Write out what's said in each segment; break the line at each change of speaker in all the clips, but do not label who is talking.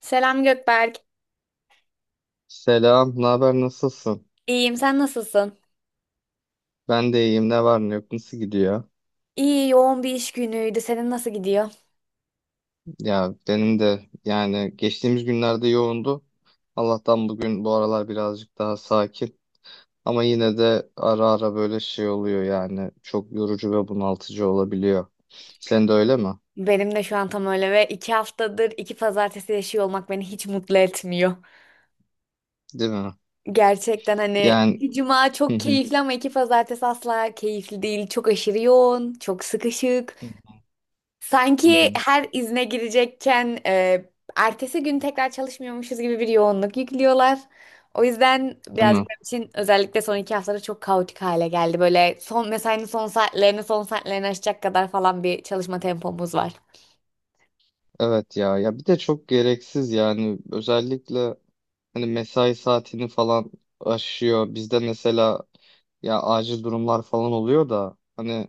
Selam Gökberk.
Selam, ne haber, nasılsın?
İyiyim, sen nasılsın?
Ben de iyiyim, ne var ne yok, nasıl gidiyor?
İyi, yoğun bir iş günüydü. Senin nasıl gidiyor?
Ya benim de yani geçtiğimiz günlerde yoğundu. Allah'tan bugün bu aralar birazcık daha sakin. Ama yine de ara ara böyle şey oluyor yani çok yorucu ve bunaltıcı olabiliyor. Sen de öyle mi?
Benim de şu an tam öyle ve 2 haftadır iki pazartesi yaşıyor olmak beni hiç mutlu etmiyor.
Değil mi?
Gerçekten hani
Yani.
iki cuma
Hı
çok
hı.
keyifli ama iki pazartesi asla keyifli değil. Çok aşırı yoğun, çok sıkışık.
Hı
Sanki
hı.
her izne girecekken ertesi gün tekrar çalışmıyormuşuz gibi bir yoğunluk yüklüyorlar. O yüzden
Değil
birazcık
mi?
benim için özellikle son iki haftada çok kaotik hale geldi. Böyle son mesainin son saatlerini aşacak kadar falan bir çalışma tempomuz var.
Evet ya, ya bir de çok gereksiz yani özellikle hani mesai saatini falan aşıyor. Bizde mesela ya acil durumlar falan oluyor da hani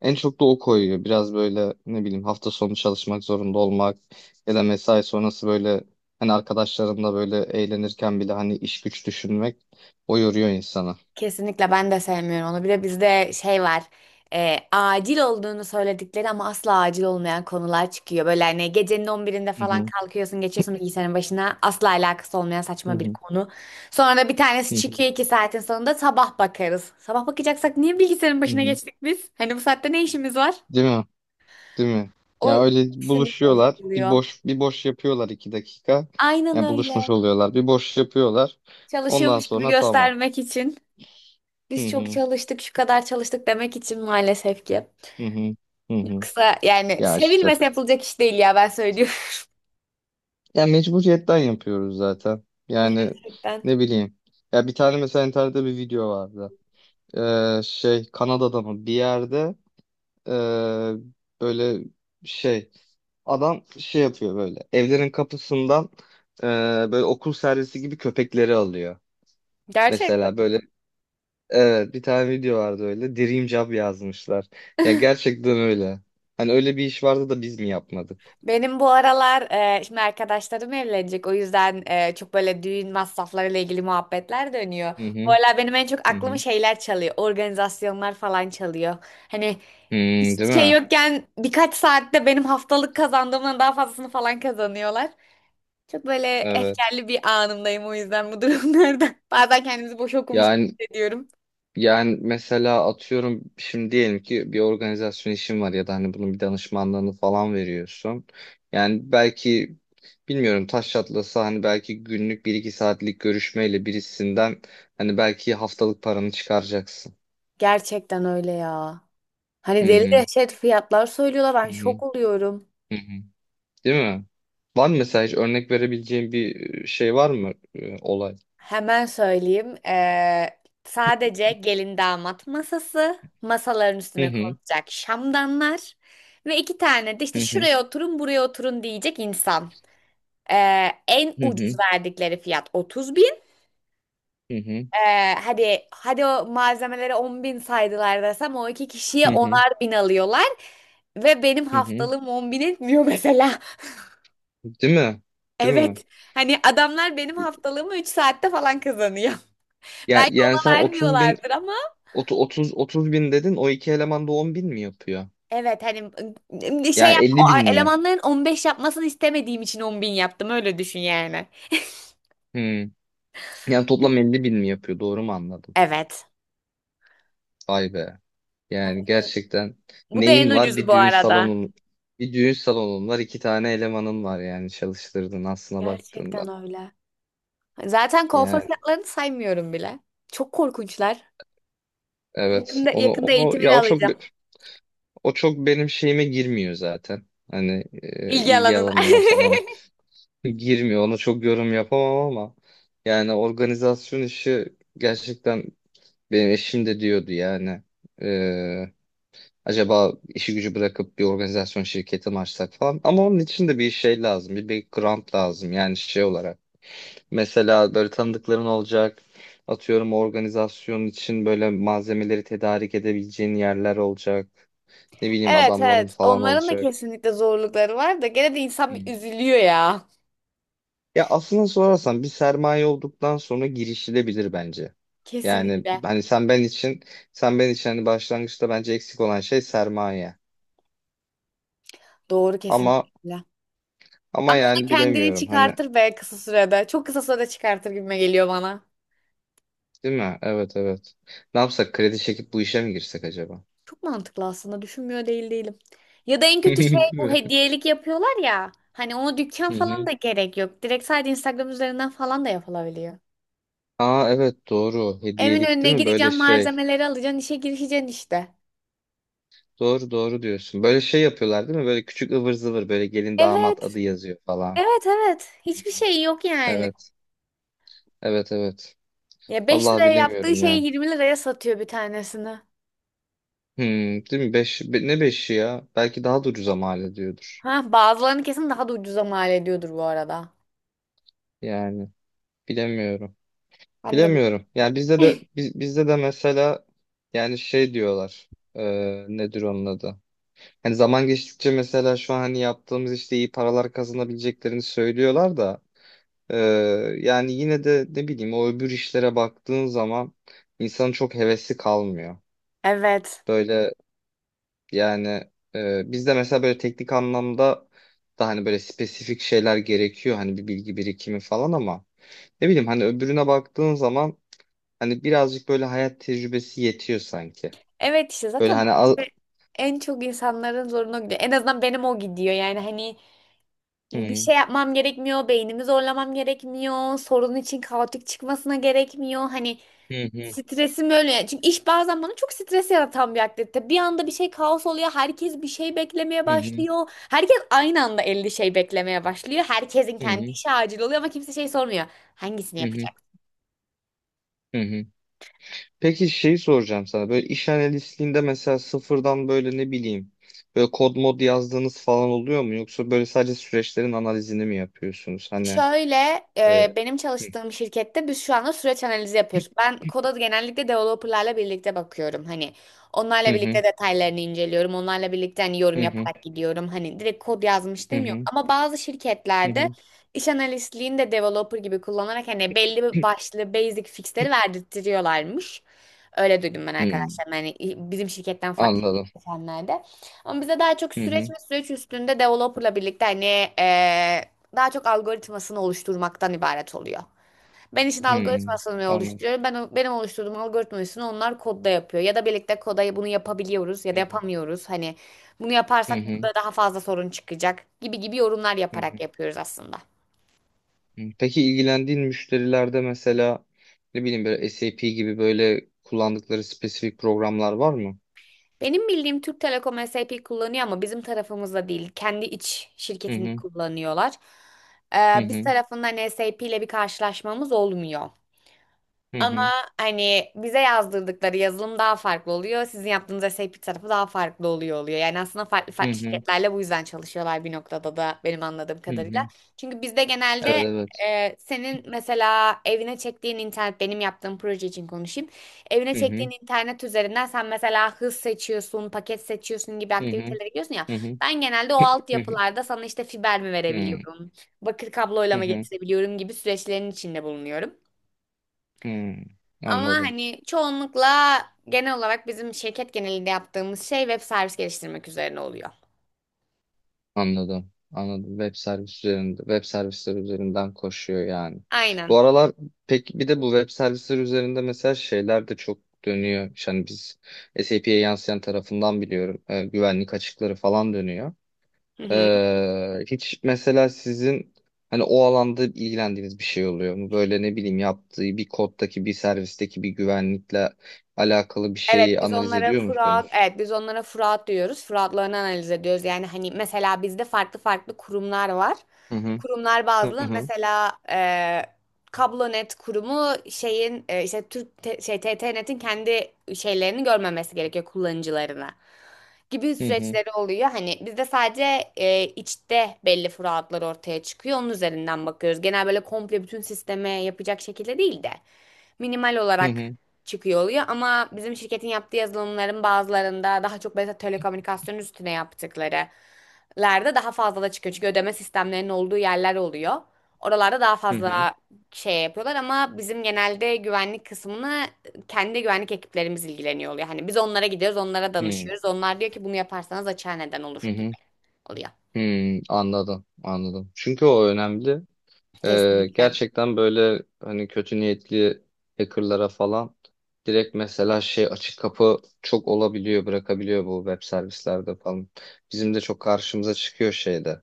en çok da o koyuyor. Biraz böyle ne bileyim hafta sonu çalışmak zorunda olmak ya da mesai sonrası böyle hani arkadaşlarınla böyle eğlenirken bile hani iş güç düşünmek o yoruyor insanı.
Kesinlikle ben de sevmiyorum onu. Bir de bizde şey var. Acil olduğunu söyledikleri ama asla acil olmayan konular çıkıyor. Böyle hani gecenin 11'inde
Hı
falan
hı.
kalkıyorsun, geçiyorsun bilgisayarın başına. Asla alakası olmayan
Hı
saçma bir
hı.
konu. Sonra da bir tanesi
Hı hı.
çıkıyor 2 saatin sonunda sabah bakarız. Sabah bakacaksak niye bilgisayarın
Hı
başına
hı.
geçtik biz? Hani bu saatte ne işimiz var?
Değil mi? Değil mi? Ya
O
öyle
sinir
buluşuyorlar. Bir
bozuluyor.
boş bir boş yapıyorlar iki dakika.
Aynen
Ya buluşmuş
öyle.
oluyorlar. Bir boş yapıyorlar. Ondan
Çalışıyormuş gibi
sonra tamam.
göstermek için.
Hı
Biz çok
hı,
çalıştık, şu kadar çalıştık demek için maalesef ki.
hı hı, hı hı.
Yoksa yani
Ya işte.
sevilmese yapılacak iş değil ya, ben söylüyorum.
Ya mecburiyetten yapıyoruz zaten. Yani
Gerçekten.
ne bileyim. Ya bir tane mesela internette bir video vardı. Şey Kanada'da mı bir yerde ee, böyle şey adam şey yapıyor böyle evlerin kapısından ee, böyle okul servisi gibi köpekleri alıyor.
Gerçekten.
Mesela böyle evet bir tane video vardı öyle Dream Job yazmışlar. Ya gerçekten öyle. Hani öyle bir iş vardı da biz mi yapmadık?
Benim bu aralar şimdi arkadaşlarım evlenecek. O yüzden çok böyle düğün masraflarıyla ilgili muhabbetler dönüyor.
Hı
Bu
hı,
aralar benim en çok
hı
aklımı
hı.
şeyler çalıyor. Organizasyonlar falan çalıyor. Hani
Hmm, değil
hiçbir şey
mi?
yokken birkaç saatte benim haftalık kazandığımdan daha fazlasını falan kazanıyorlar. Çok böyle
Evet.
efkarlı bir anımdayım o yüzden bu durumlarda. Bazen kendimizi boş okumuş gibi
Yani
hissediyorum.
yani mesela atıyorum şimdi diyelim ki bir organizasyon işin var ya da hani bunun bir danışmanlığını falan veriyorsun. Yani belki bilmiyorum taş çatlasa hani belki günlük bir iki saatlik görüşmeyle birisinden hani belki haftalık paranı çıkaracaksın.
Gerçekten öyle ya. Hani
Hı
deli
hı.
dehşet fiyatlar söylüyorlar.
Hı
Ben
hı.
şok oluyorum.
Hı hı. Değil mi? Var mı mesela hiç örnek verebileceğin bir şey var mı olay?
Hemen söyleyeyim. Sadece gelin damat masası, masaların
Hı
üstüne
hı.
konulacak şamdanlar ve iki tane de
Hı
işte
hı.
şuraya oturun, buraya oturun diyecek insan. En
Hı
ucuz
hı.
verdikleri fiyat 30 bin.
Hı hı.
Hadi hadi o malzemelere 10 bin saydılar desem o iki kişiye
Hı hı.
onar bin alıyorlar. Ve benim
Hı hı.
haftalığım 10 bin etmiyor mesela.
Değil mi? Değil mi?
Evet. Hani adamlar benim haftalığımı 3 saatte falan kazanıyor.
Ya,
Belki
yani
ona
sen 30 bin,
vermiyorlardır ama
30 bin dedin, o iki eleman da 10 bin mi yapıyor?
evet, hani
Yani
o
50 bin mi?
elemanların 15 yapmasını istemediğim için 10 bin yaptım, öyle düşün yani.
Hmm. Yani toplam 50 bin mi yapıyor? Doğru mu anladım?
Evet.
Vay be. Yani
Hani
gerçekten
bu da en
neyin var?
ucuzu bu arada.
Bir düğün salonun var, iki tane elemanın var yani çalıştırdın aslına
Gerçekten
baktığında.
öyle. Zaten kuaför
Yani
fiyatlarını saymıyorum bile. Çok korkunçlar.
evet.
Yakında
Onu
yakında
onu ya
eğitimini
o çok,
alacağım.
o çok benim şeyime girmiyor zaten. Hani
İlgi
ilgi
alanına.
alanıma falan girmiyor. Ona çok yorum yapamam ama yani organizasyon işi gerçekten benim eşim de diyordu yani. Ee, acaba işi gücü bırakıp bir organizasyon şirketi mi açsak falan. Ama onun için de bir şey lazım. Bir background lazım yani şey olarak. Mesela böyle tanıdıkların olacak. Atıyorum organizasyon için böyle malzemeleri tedarik edebileceğin yerler olacak. Ne bileyim
Evet,
adamların
evet.
falan
Onların da
olacak.
kesinlikle zorlukları var da gene de insan bir üzülüyor ya.
Ya aslında sorarsan bir sermaye olduktan sonra girişilebilir bence. Yani
Kesinlikle.
hani sen ben için hani başlangıçta bence eksik olan şey sermaye.
Doğru,
Ama,
kesinlikle.
ama
Ama o da
yani
kendini
bilemiyorum hani,
çıkartır be kısa sürede. Çok kısa sürede çıkartır gibime geliyor bana.
değil mi? Evet, evet. Ne yapsak kredi çekip bu işe mi girsek acaba?
Çok mantıklı aslında. Düşünmüyor değil değilim. Ya da en kötü şey
Değil
bu
mi?
hediyelik yapıyorlar ya. Hani ona dükkan
Hı
falan
hı.
da gerek yok. Direkt sadece Instagram üzerinden falan da yapılabiliyor.
Aa evet doğru.
Evin
Hediyelik
önüne
değil mi? Böyle
gideceğim,
şey.
malzemeleri alacaksın, işe girişeceksin işte.
Doğru, doğru diyorsun. Böyle şey yapıyorlar değil mi? Böyle küçük ıvır zıvır böyle gelin damat
Evet,
adı yazıyor falan.
evet, evet. Hiçbir şey yok yani.
Evet. Evet, evet.
Ya 5
Vallahi
liraya yaptığı
bilemiyorum ya.
şeyi 20 liraya satıyor bir tanesini.
Hmm, değil mi? Beş, be- ne beşi ya? Belki daha da ucuza mal ediyordur.
Ha, bazılarını kesin daha da ucuza mal ediyordur bu arada.
Yani bilemiyorum.
Ben de.
Bilemiyorum. Yani bizde de mesela yani şey diyorlar. Nedir onun adı? Hani zaman geçtikçe mesela şu an hani yaptığımız işte iyi paralar kazanabileceklerini söylüyorlar da ee, yani yine de ne bileyim o öbür işlere baktığın zaman insanın çok hevesi kalmıyor.
Evet.
Böyle. Yani bizde mesela böyle teknik anlamda da hani böyle spesifik şeyler gerekiyor hani bir bilgi birikimi falan ama ne bileyim hani öbürüne baktığın zaman hani birazcık böyle hayat tecrübesi yetiyor sanki.
Evet, işte
Böyle
zaten
hani al...
bence en çok insanların zoruna gidiyor. En azından benim o gidiyor. Yani hani bir
Hı
şey yapmam gerekmiyor, beynimi zorlamam gerekmiyor, sorun için kaotik çıkmasına gerekmiyor. Hani
hı hı
stresim öyle, yani. Çünkü iş bazen bana çok stres yaratan bir aktivite. Bir anda bir şey kaos oluyor, herkes bir şey beklemeye
hı hı hı
başlıyor. Herkes aynı anda 50 şey beklemeye başlıyor. Herkesin
hı
kendi işi acil oluyor ama kimse şey sormuyor. Hangisini
hı hı.
yapacak?
hı hı. Peki şeyi soracağım sana, böyle iş analistliğinde mesela sıfırdan böyle ne bileyim böyle kod mod yazdığınız falan oluyor mu yoksa böyle sadece süreçlerin analizini mi yapıyorsunuz hani?
Şöyle
e,
benim
hı.
çalıştığım şirkette biz şu anda süreç analizi yapıyoruz. Ben koda genellikle developerlarla birlikte bakıyorum. Hani
Hı
onlarla
hı
birlikte detaylarını inceliyorum. Onlarla birlikte hani yorum
hı hı
yaparak gidiyorum. Hani direkt kod
Hı
yazmışlığım yok.
hı.
Ama bazı
Hı
şirketlerde
hı.
iş analistliğini de developer gibi kullanarak hani belli bir başlı basic fixleri verdirtiyorlarmış. Öyle duydum ben
Hı,
arkadaşlarım. Hani bizim şirketten farklı
anladım.
geçenlerde. Ama bize daha çok
Hı
süreç
hı.
ve süreç üstünde developerla birlikte hani e, daha çok algoritmasını oluşturmaktan ibaret oluyor. Ben işin
Hı,
algoritmasını
anladım.
oluşturuyorum. Benim oluşturduğum algoritmasını onlar kodda yapıyor. Ya da birlikte koda bunu yapabiliyoruz ya da
Hı hı.
yapamıyoruz. Hani bunu
Hı
yaparsak
hı.
burada daha fazla sorun çıkacak gibi gibi yorumlar
Hı
yaparak
hı.
yapıyoruz aslında.
Hı. Peki ilgilendiğin müşterilerde mesela ne bileyim böyle SAP gibi böyle kullandıkları spesifik programlar var mı?
Benim bildiğim Türk Telekom SAP kullanıyor ama bizim tarafımızda değil. Kendi iç
Hı
şirketini
hı.
kullanıyorlar.
Hı
Biz
hı.
tarafından SAP ile bir karşılaşmamız olmuyor.
Hı
Ama
hı.
hani bize yazdırdıkları yazılım daha farklı oluyor. Sizin yaptığınız SAP tarafı daha farklı oluyor. Yani aslında farklı
Hı
farklı
hı.
şirketlerle bu yüzden çalışıyorlar bir noktada da benim anladığım
Hı
kadarıyla.
hı.
Çünkü bizde
Evet,
genelde
evet.
senin mesela evine çektiğin internet benim yaptığım proje için konuşayım. Evine
Hı
çektiğin
hı.
internet üzerinden sen mesela hız seçiyorsun, paket seçiyorsun gibi
Hı hı.
aktivitelere gidiyorsun ya.
Hı hı.
Ben genelde o
Hı hı.
altyapılarda sana işte fiber mi
Hı hı.
verebiliyorum, bakır kabloyla
Hı
mı
hı.
getirebiliyorum gibi süreçlerin içinde bulunuyorum.
Hı.
Ama
Anladım.
hani çoğunlukla genel olarak bizim şirket genelinde yaptığımız şey web servis geliştirmek üzerine oluyor.
Anladım. Anladım. Web servis üzerinde, web servisler üzerinden koşuyor yani.
Aynen.
Bu aralar peki bir de bu web servisler üzerinde mesela şeyler de çok dönüyor. Yani biz SAP'ye yansıyan tarafından biliyorum. Güvenlik açıkları falan dönüyor.
Hı hı.
Hiç mesela sizin hani o alanda ilgilendiğiniz bir şey oluyor mu? Böyle ne bileyim yaptığı bir koddaki bir servisteki bir güvenlikle alakalı bir şeyi analiz ediyor musunuz?
Evet biz onlara Fırat diyoruz. Fıratlarını analiz ediyoruz. Yani hani mesela bizde farklı farklı kurumlar var.
Hı hı.
Kurumlar
Hı
bazlı.
hı.
Mesela Kablonet kurumu şeyin işte şey TTNet'in kendi şeylerini görmemesi gerekiyor kullanıcılarına gibi
Hı hı.
süreçleri oluyor. Hani bizde sadece içte belli fıratlar ortaya çıkıyor. Onun üzerinden bakıyoruz. Genel böyle komple bütün sisteme yapacak şekilde değil de minimal
Hı
olarak
hı.
çıkıyor oluyor ama bizim şirketin yaptığı yazılımların bazılarında daha çok mesela telekomünikasyon üstüne yaptıkları lerde daha fazla da çıkıyor. Çünkü ödeme sistemlerinin olduğu yerler oluyor. Oralarda daha
Hı hı.
fazla şey yapıyorlar ama bizim genelde güvenlik kısmını kendi güvenlik ekiplerimiz ilgileniyor oluyor. Hani biz onlara gidiyoruz, onlara
Hı hı.
danışıyoruz. Onlar diyor ki bunu yaparsanız açığa neden
Hı
olur gibi
hı.
oluyor.
Hmm, anladım, anladım. Çünkü o önemli.
Kesinlikle.
Gerçekten böyle hani kötü niyetli hackerlara falan direkt mesela şey açık kapı çok olabiliyor, bırakabiliyor bu web servislerde falan. Bizim de çok karşımıza çıkıyor şeyde,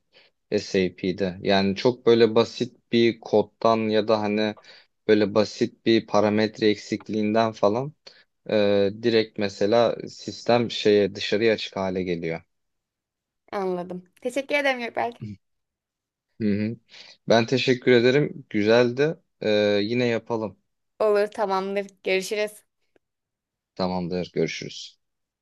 SAP'de. Yani çok böyle basit bir koddan ya da hani böyle basit bir parametre eksikliğinden falan direkt mesela sistem şeye dışarıya açık hale geliyor.
Anladım. Teşekkür ederim Gökberk.
Hı hı. Ben teşekkür ederim. Güzeldi. Yine yapalım.
Olur, tamamdır. Görüşürüz.
Tamamdır. Görüşürüz.